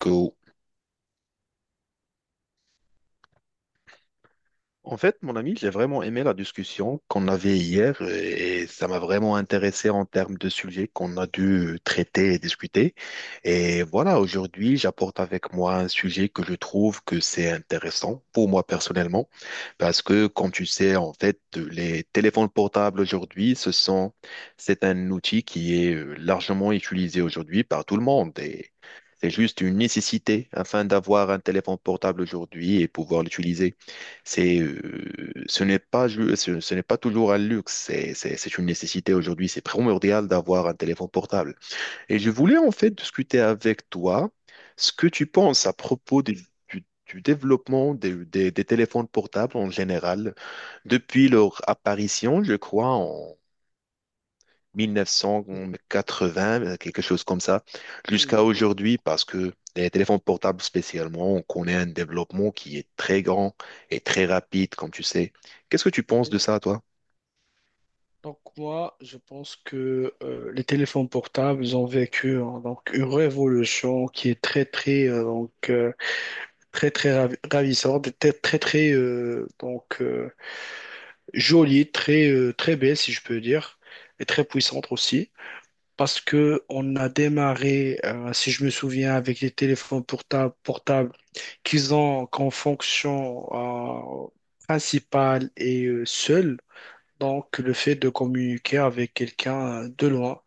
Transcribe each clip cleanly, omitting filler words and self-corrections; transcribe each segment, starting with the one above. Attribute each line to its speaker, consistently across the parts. Speaker 1: Cool. En fait, mon ami, j'ai vraiment aimé la discussion qu'on avait hier et ça m'a vraiment intéressé en termes de sujets qu'on a dû traiter et discuter. Et voilà, aujourd'hui, j'apporte avec moi un sujet que je trouve que c'est intéressant pour moi personnellement parce que, comme tu sais, en fait, les téléphones portables aujourd'hui, c'est un outil qui est largement utilisé aujourd'hui par tout le monde et c'est juste une nécessité afin d'avoir un téléphone portable aujourd'hui et pouvoir l'utiliser. C'est, ce n'est pas, ce, n'est pas toujours un luxe, c'est une nécessité aujourd'hui. C'est primordial d'avoir un téléphone portable. Et je voulais en fait discuter avec toi ce que tu penses à propos du développement des téléphones portables en général depuis leur apparition, je crois,
Speaker 2: Oui,
Speaker 1: 1980, quelque chose comme ça, jusqu'à
Speaker 2: oui.
Speaker 1: aujourd'hui, parce que les téléphones portables spécialement, on connaît un développement qui est très grand et très rapide, comme tu sais. Qu'est-ce que tu penses de ça, toi?
Speaker 2: Donc moi, je pense que les téléphones portables ils ont vécu, hein, une révolution qui est très très très très ravissante, très très très jolie, très belle si je peux dire, et très puissante aussi, parce que on a démarré, si je me souviens, avec les téléphones portables portables qu'ils ont comme fonction principale et seule. Donc, le fait de communiquer avec quelqu'un de loin.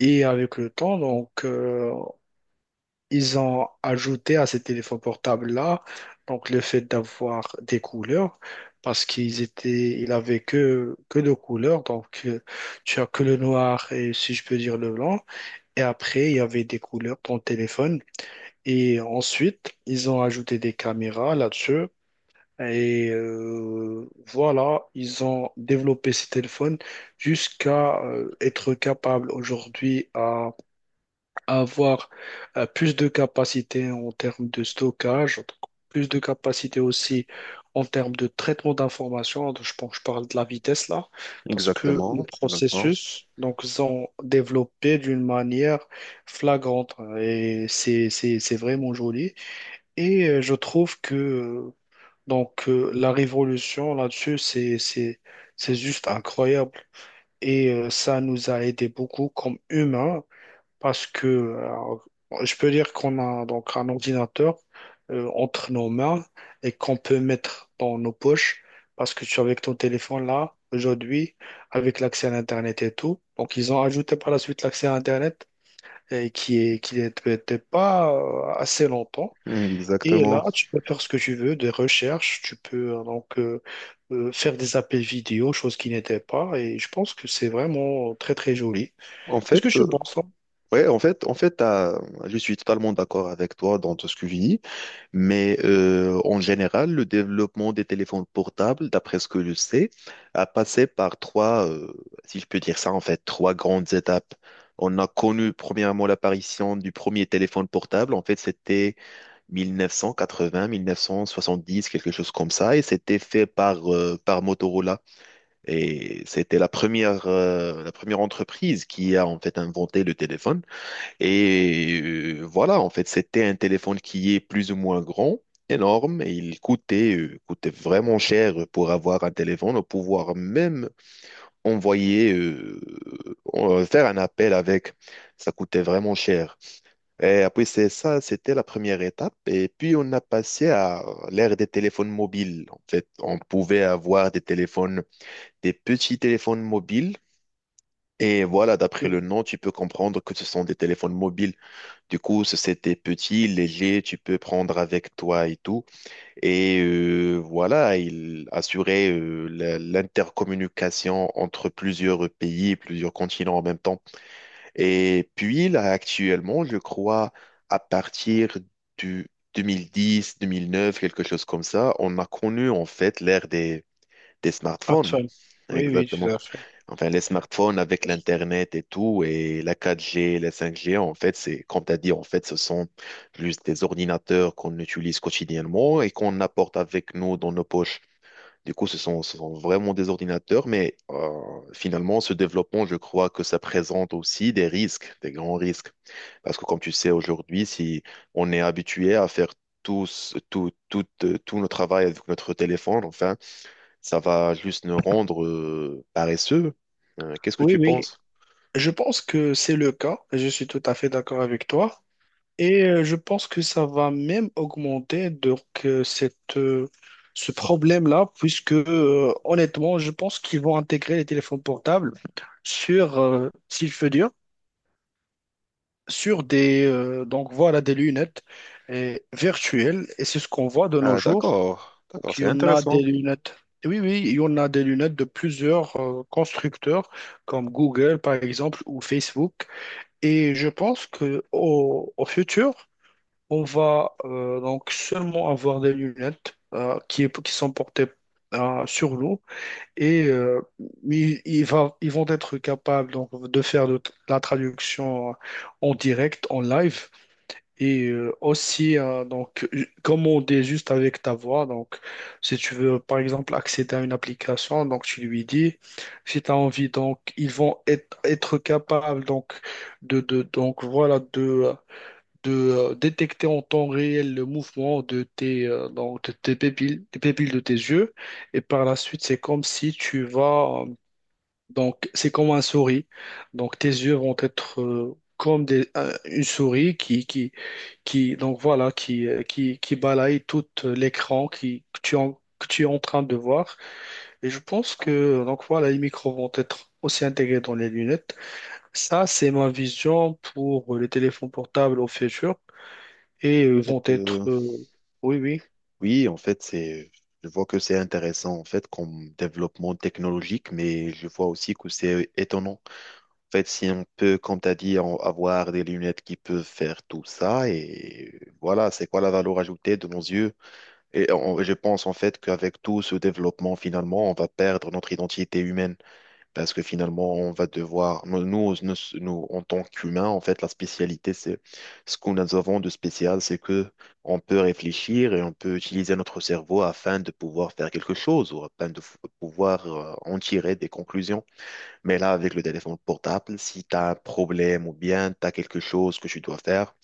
Speaker 2: Et avec le temps, ils ont ajouté à ces téléphones portables-là, donc, le fait d'avoir des couleurs, parce qu'ils étaient, ils avaient que, deux couleurs. Tu as que le noir et, si je peux dire, le blanc. Et après, il y avait des couleurs dans le téléphone. Et ensuite, ils ont ajouté des caméras là-dessus et voilà, ils ont développé ces téléphones jusqu'à être capables aujourd'hui à avoir plus de capacité en termes de stockage, donc plus de capacité aussi en termes de traitement d'informations. Donc, je pense, je parle de la vitesse là, parce que le
Speaker 1: Exactement, exactement.
Speaker 2: processus, donc, ils ont développé d'une manière flagrante et c'est vraiment joli. Et je trouve que la révolution là-dessus, c'est juste incroyable. Et ça nous a aidé beaucoup comme humains parce que je peux dire qu'on a donc un ordinateur entre nos mains et qu'on peut mettre dans nos poches parce que tu avec ton téléphone là, aujourd'hui, avec l'accès à l'Internet et tout. Donc, ils ont ajouté par la suite l'accès à Internet et qui est, qui n'était pas assez longtemps.
Speaker 1: Mm,
Speaker 2: Et
Speaker 1: exactement.
Speaker 2: là, tu peux faire ce que tu veux, des recherches, tu peux faire des appels vidéo, chose qui n'était pas, et je pense que c'est vraiment très très joli.
Speaker 1: En
Speaker 2: Qu'est-ce que
Speaker 1: fait,
Speaker 2: je pense, hein?
Speaker 1: ouais, en fait, je suis totalement d'accord avec toi dans tout ce que tu dis. Mais en général, le développement des téléphones portables, d'après ce que je sais, a passé par trois, si je peux dire ça, en fait, trois grandes étapes. On a connu premièrement l'apparition du premier téléphone portable. En fait, c'était 1980, 1970, quelque chose comme ça. Et c'était fait par Motorola. Et c'était la première entreprise qui a en fait inventé le téléphone. Et voilà, en fait, c'était un téléphone qui est plus ou moins grand, énorme, et il coûtait vraiment cher pour avoir un téléphone, pouvoir même envoyer, euh, faire un appel avec. Ça coûtait vraiment cher. Et après, c'est ça, c'était la première étape. Et puis, on a passé à l'ère des téléphones mobiles. En fait, on pouvait avoir des petits téléphones mobiles. Et voilà, d'après
Speaker 2: Oui.
Speaker 1: le nom, tu peux comprendre que ce sont des téléphones mobiles. Du coup, c'était petit, léger, tu peux prendre avec toi et tout. Et voilà, il assurait l'intercommunication entre plusieurs pays, plusieurs continents en même temps. Et puis là, actuellement, je crois, à partir du 2010, 2009, quelque chose comme ça, on a connu en fait l'ère des
Speaker 2: Ah, ça.
Speaker 1: smartphones.
Speaker 2: Oui, oui, tout
Speaker 1: Exactement.
Speaker 2: à fait.
Speaker 1: Enfin, les smartphones avec l'Internet et tout, et la 4G, la 5G, en fait, comme tu as dit, en fait, ce sont juste des ordinateurs qu'on utilise quotidiennement et qu'on apporte avec nous dans nos poches. Du coup, ce sont vraiment des ordinateurs, mais finalement, ce développement, je crois que ça présente aussi des risques, des grands risques. Parce que comme tu sais, aujourd'hui, si on est habitué à faire tout notre travail avec notre téléphone, enfin, ça va juste nous rendre paresseux. Qu'est-ce que
Speaker 2: Oui,
Speaker 1: tu
Speaker 2: oui,
Speaker 1: penses?
Speaker 2: je pense que c'est le cas, je suis tout à fait d'accord avec toi, et je pense que ça va même augmenter cette, ce problème-là, puisque honnêtement, je pense qu'ils vont intégrer les téléphones portables sur, s'il fait dur sur des, donc voilà, des lunettes virtuelles et c'est ce qu'on voit de nos
Speaker 1: Ah,
Speaker 2: jours.
Speaker 1: d'accord, d'accord,
Speaker 2: Donc, il
Speaker 1: c'est
Speaker 2: y en a des
Speaker 1: intéressant.
Speaker 2: lunettes. Oui, oui, il y en a des lunettes de plusieurs constructeurs comme Google par exemple ou Facebook. Et je pense que au futur, on va seulement avoir des lunettes qui sont portées sur nous et ils vont être capables donc, de faire de la traduction en direct, en live, et aussi, hein, donc, comme on dit juste avec ta voix, donc, si tu veux, par exemple, accéder à une application, donc, tu lui dis, si tu as envie, donc, ils vont être capables, donc, de, donc, voilà, de détecter en temps réel le mouvement de tes, de tes pupilles, des pupilles de tes yeux. Et par la suite, c'est comme si tu vas, c'est comme un souris. Donc, tes yeux vont être, comme des, une souris qui donc voilà qui qui balaye tout l'écran qui que tu que tu es en train de voir. Et je pense que donc voilà les micros vont être aussi intégrés dans les lunettes. Ça c'est ma vision pour les téléphones portables au futur et
Speaker 1: En
Speaker 2: vont
Speaker 1: fait,
Speaker 2: être oui oui
Speaker 1: oui, en fait, je vois que c'est intéressant en fait comme développement technologique, mais je vois aussi que c'est étonnant. En fait, si on peut, comme tu as dit, avoir des lunettes qui peuvent faire tout ça, et voilà, c'est quoi la valeur ajoutée de nos yeux? Et je pense en fait qu'avec tout ce développement, finalement, on va perdre notre identité humaine. Parce que finalement, on va devoir, nous, en tant qu'humains, en fait, la spécialité, c'est ce que nous avons de spécial, c'est que on peut réfléchir et on peut utiliser notre cerveau afin de pouvoir faire quelque chose ou afin de pouvoir en tirer des conclusions. Mais là, avec le téléphone portable, si tu as un problème ou bien tu as quelque chose que tu dois faire,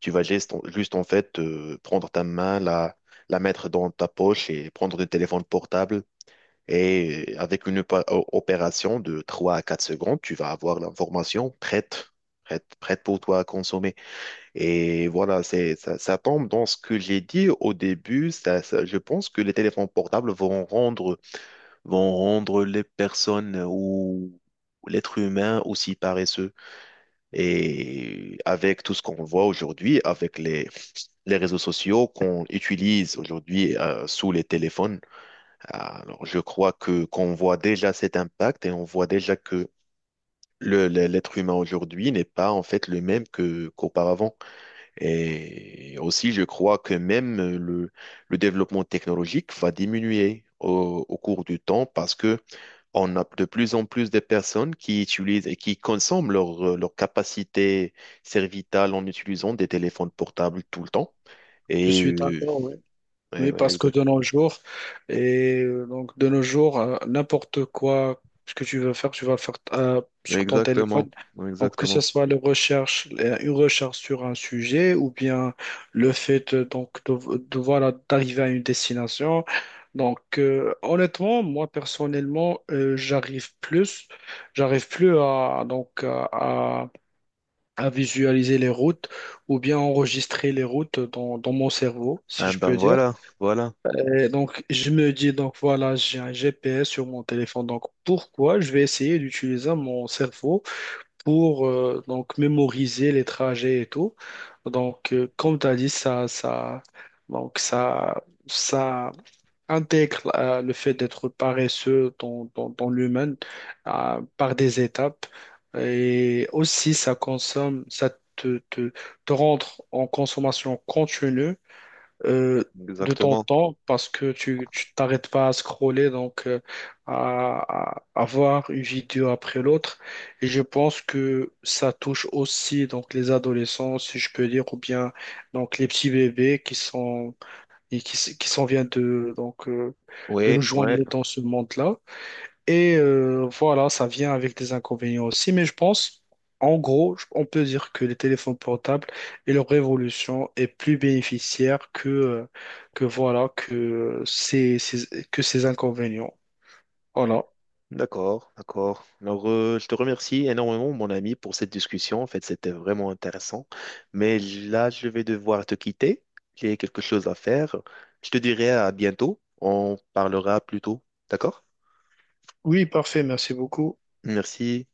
Speaker 1: tu vas juste en fait, prendre ta main, la mettre dans ta poche et prendre le téléphone portable et avec une opération de 3 à 4 secondes, tu vas avoir l'information prête, prête, prête pour toi à consommer. Et voilà, ça tombe dans ce que j'ai dit au début. Je pense que les téléphones portables vont rendre, les personnes ou l'être humain aussi paresseux. Et avec tout ce qu'on voit aujourd'hui, avec les réseaux sociaux qu'on utilise aujourd'hui sous les téléphones, alors, je crois que qu'on voit déjà cet impact et on voit déjà que l'être humain aujourd'hui n'est pas en fait le même que qu'auparavant. Et aussi, je crois que même le développement technologique va diminuer au cours du temps parce que on a de plus en plus de personnes qui utilisent et qui consomment leur capacité cervicale en utilisant des téléphones portables tout le temps.
Speaker 2: je
Speaker 1: Et
Speaker 2: suis d'accord, oui.
Speaker 1: ouais,
Speaker 2: Oui,
Speaker 1: ouais,
Speaker 2: parce que de nos jours, et de nos jours, n'importe quoi ce que tu veux faire, tu vas le faire sur ton téléphone.
Speaker 1: exactement,
Speaker 2: Donc que ce
Speaker 1: exactement.
Speaker 2: soit le recherche, une recherche sur un sujet, ou bien le fait voilà d'arriver à une destination. Honnêtement, moi personnellement, j'arrive plus à donc à visualiser les routes ou bien enregistrer les routes dans dans mon cerveau, si
Speaker 1: Ah
Speaker 2: je
Speaker 1: ben
Speaker 2: peux dire.
Speaker 1: voilà, voilà.
Speaker 2: Et donc, je me dis, donc voilà, j'ai un GPS sur mon téléphone. Donc, pourquoi je vais essayer d'utiliser mon cerveau pour mémoriser les trajets et tout. Donc, comme tu as dit, ça intègre le fait d'être paresseux dans l'humain par des étapes. Et aussi, ça consomme, te, te, te rendre en consommation continue euh, de ton
Speaker 1: Exactement.
Speaker 2: temps parce que tu t'arrêtes pas à scroller, à, à voir une vidéo après l'autre. Et je pense que ça touche aussi donc les adolescents, si je peux dire, ou bien donc les petits bébés qui sont et qui, qui s'en viennent de de nous
Speaker 1: Oui, ouais,
Speaker 2: joindre dans ce monde-là. Et voilà, ça vient avec des inconvénients aussi, mais je pense, en gros, on peut dire que les téléphones portables et leur révolution est plus bénéficiaire que voilà, que que ces inconvénients. Voilà.
Speaker 1: d'accord, d'accord. Alors, je te remercie énormément, mon ami, pour cette discussion. En fait, c'était vraiment intéressant. Mais là, je vais devoir te quitter. J'ai quelque chose à faire. Je te dirai à bientôt. On parlera plus tôt. D'accord?
Speaker 2: Oui, parfait, merci beaucoup.
Speaker 1: Merci.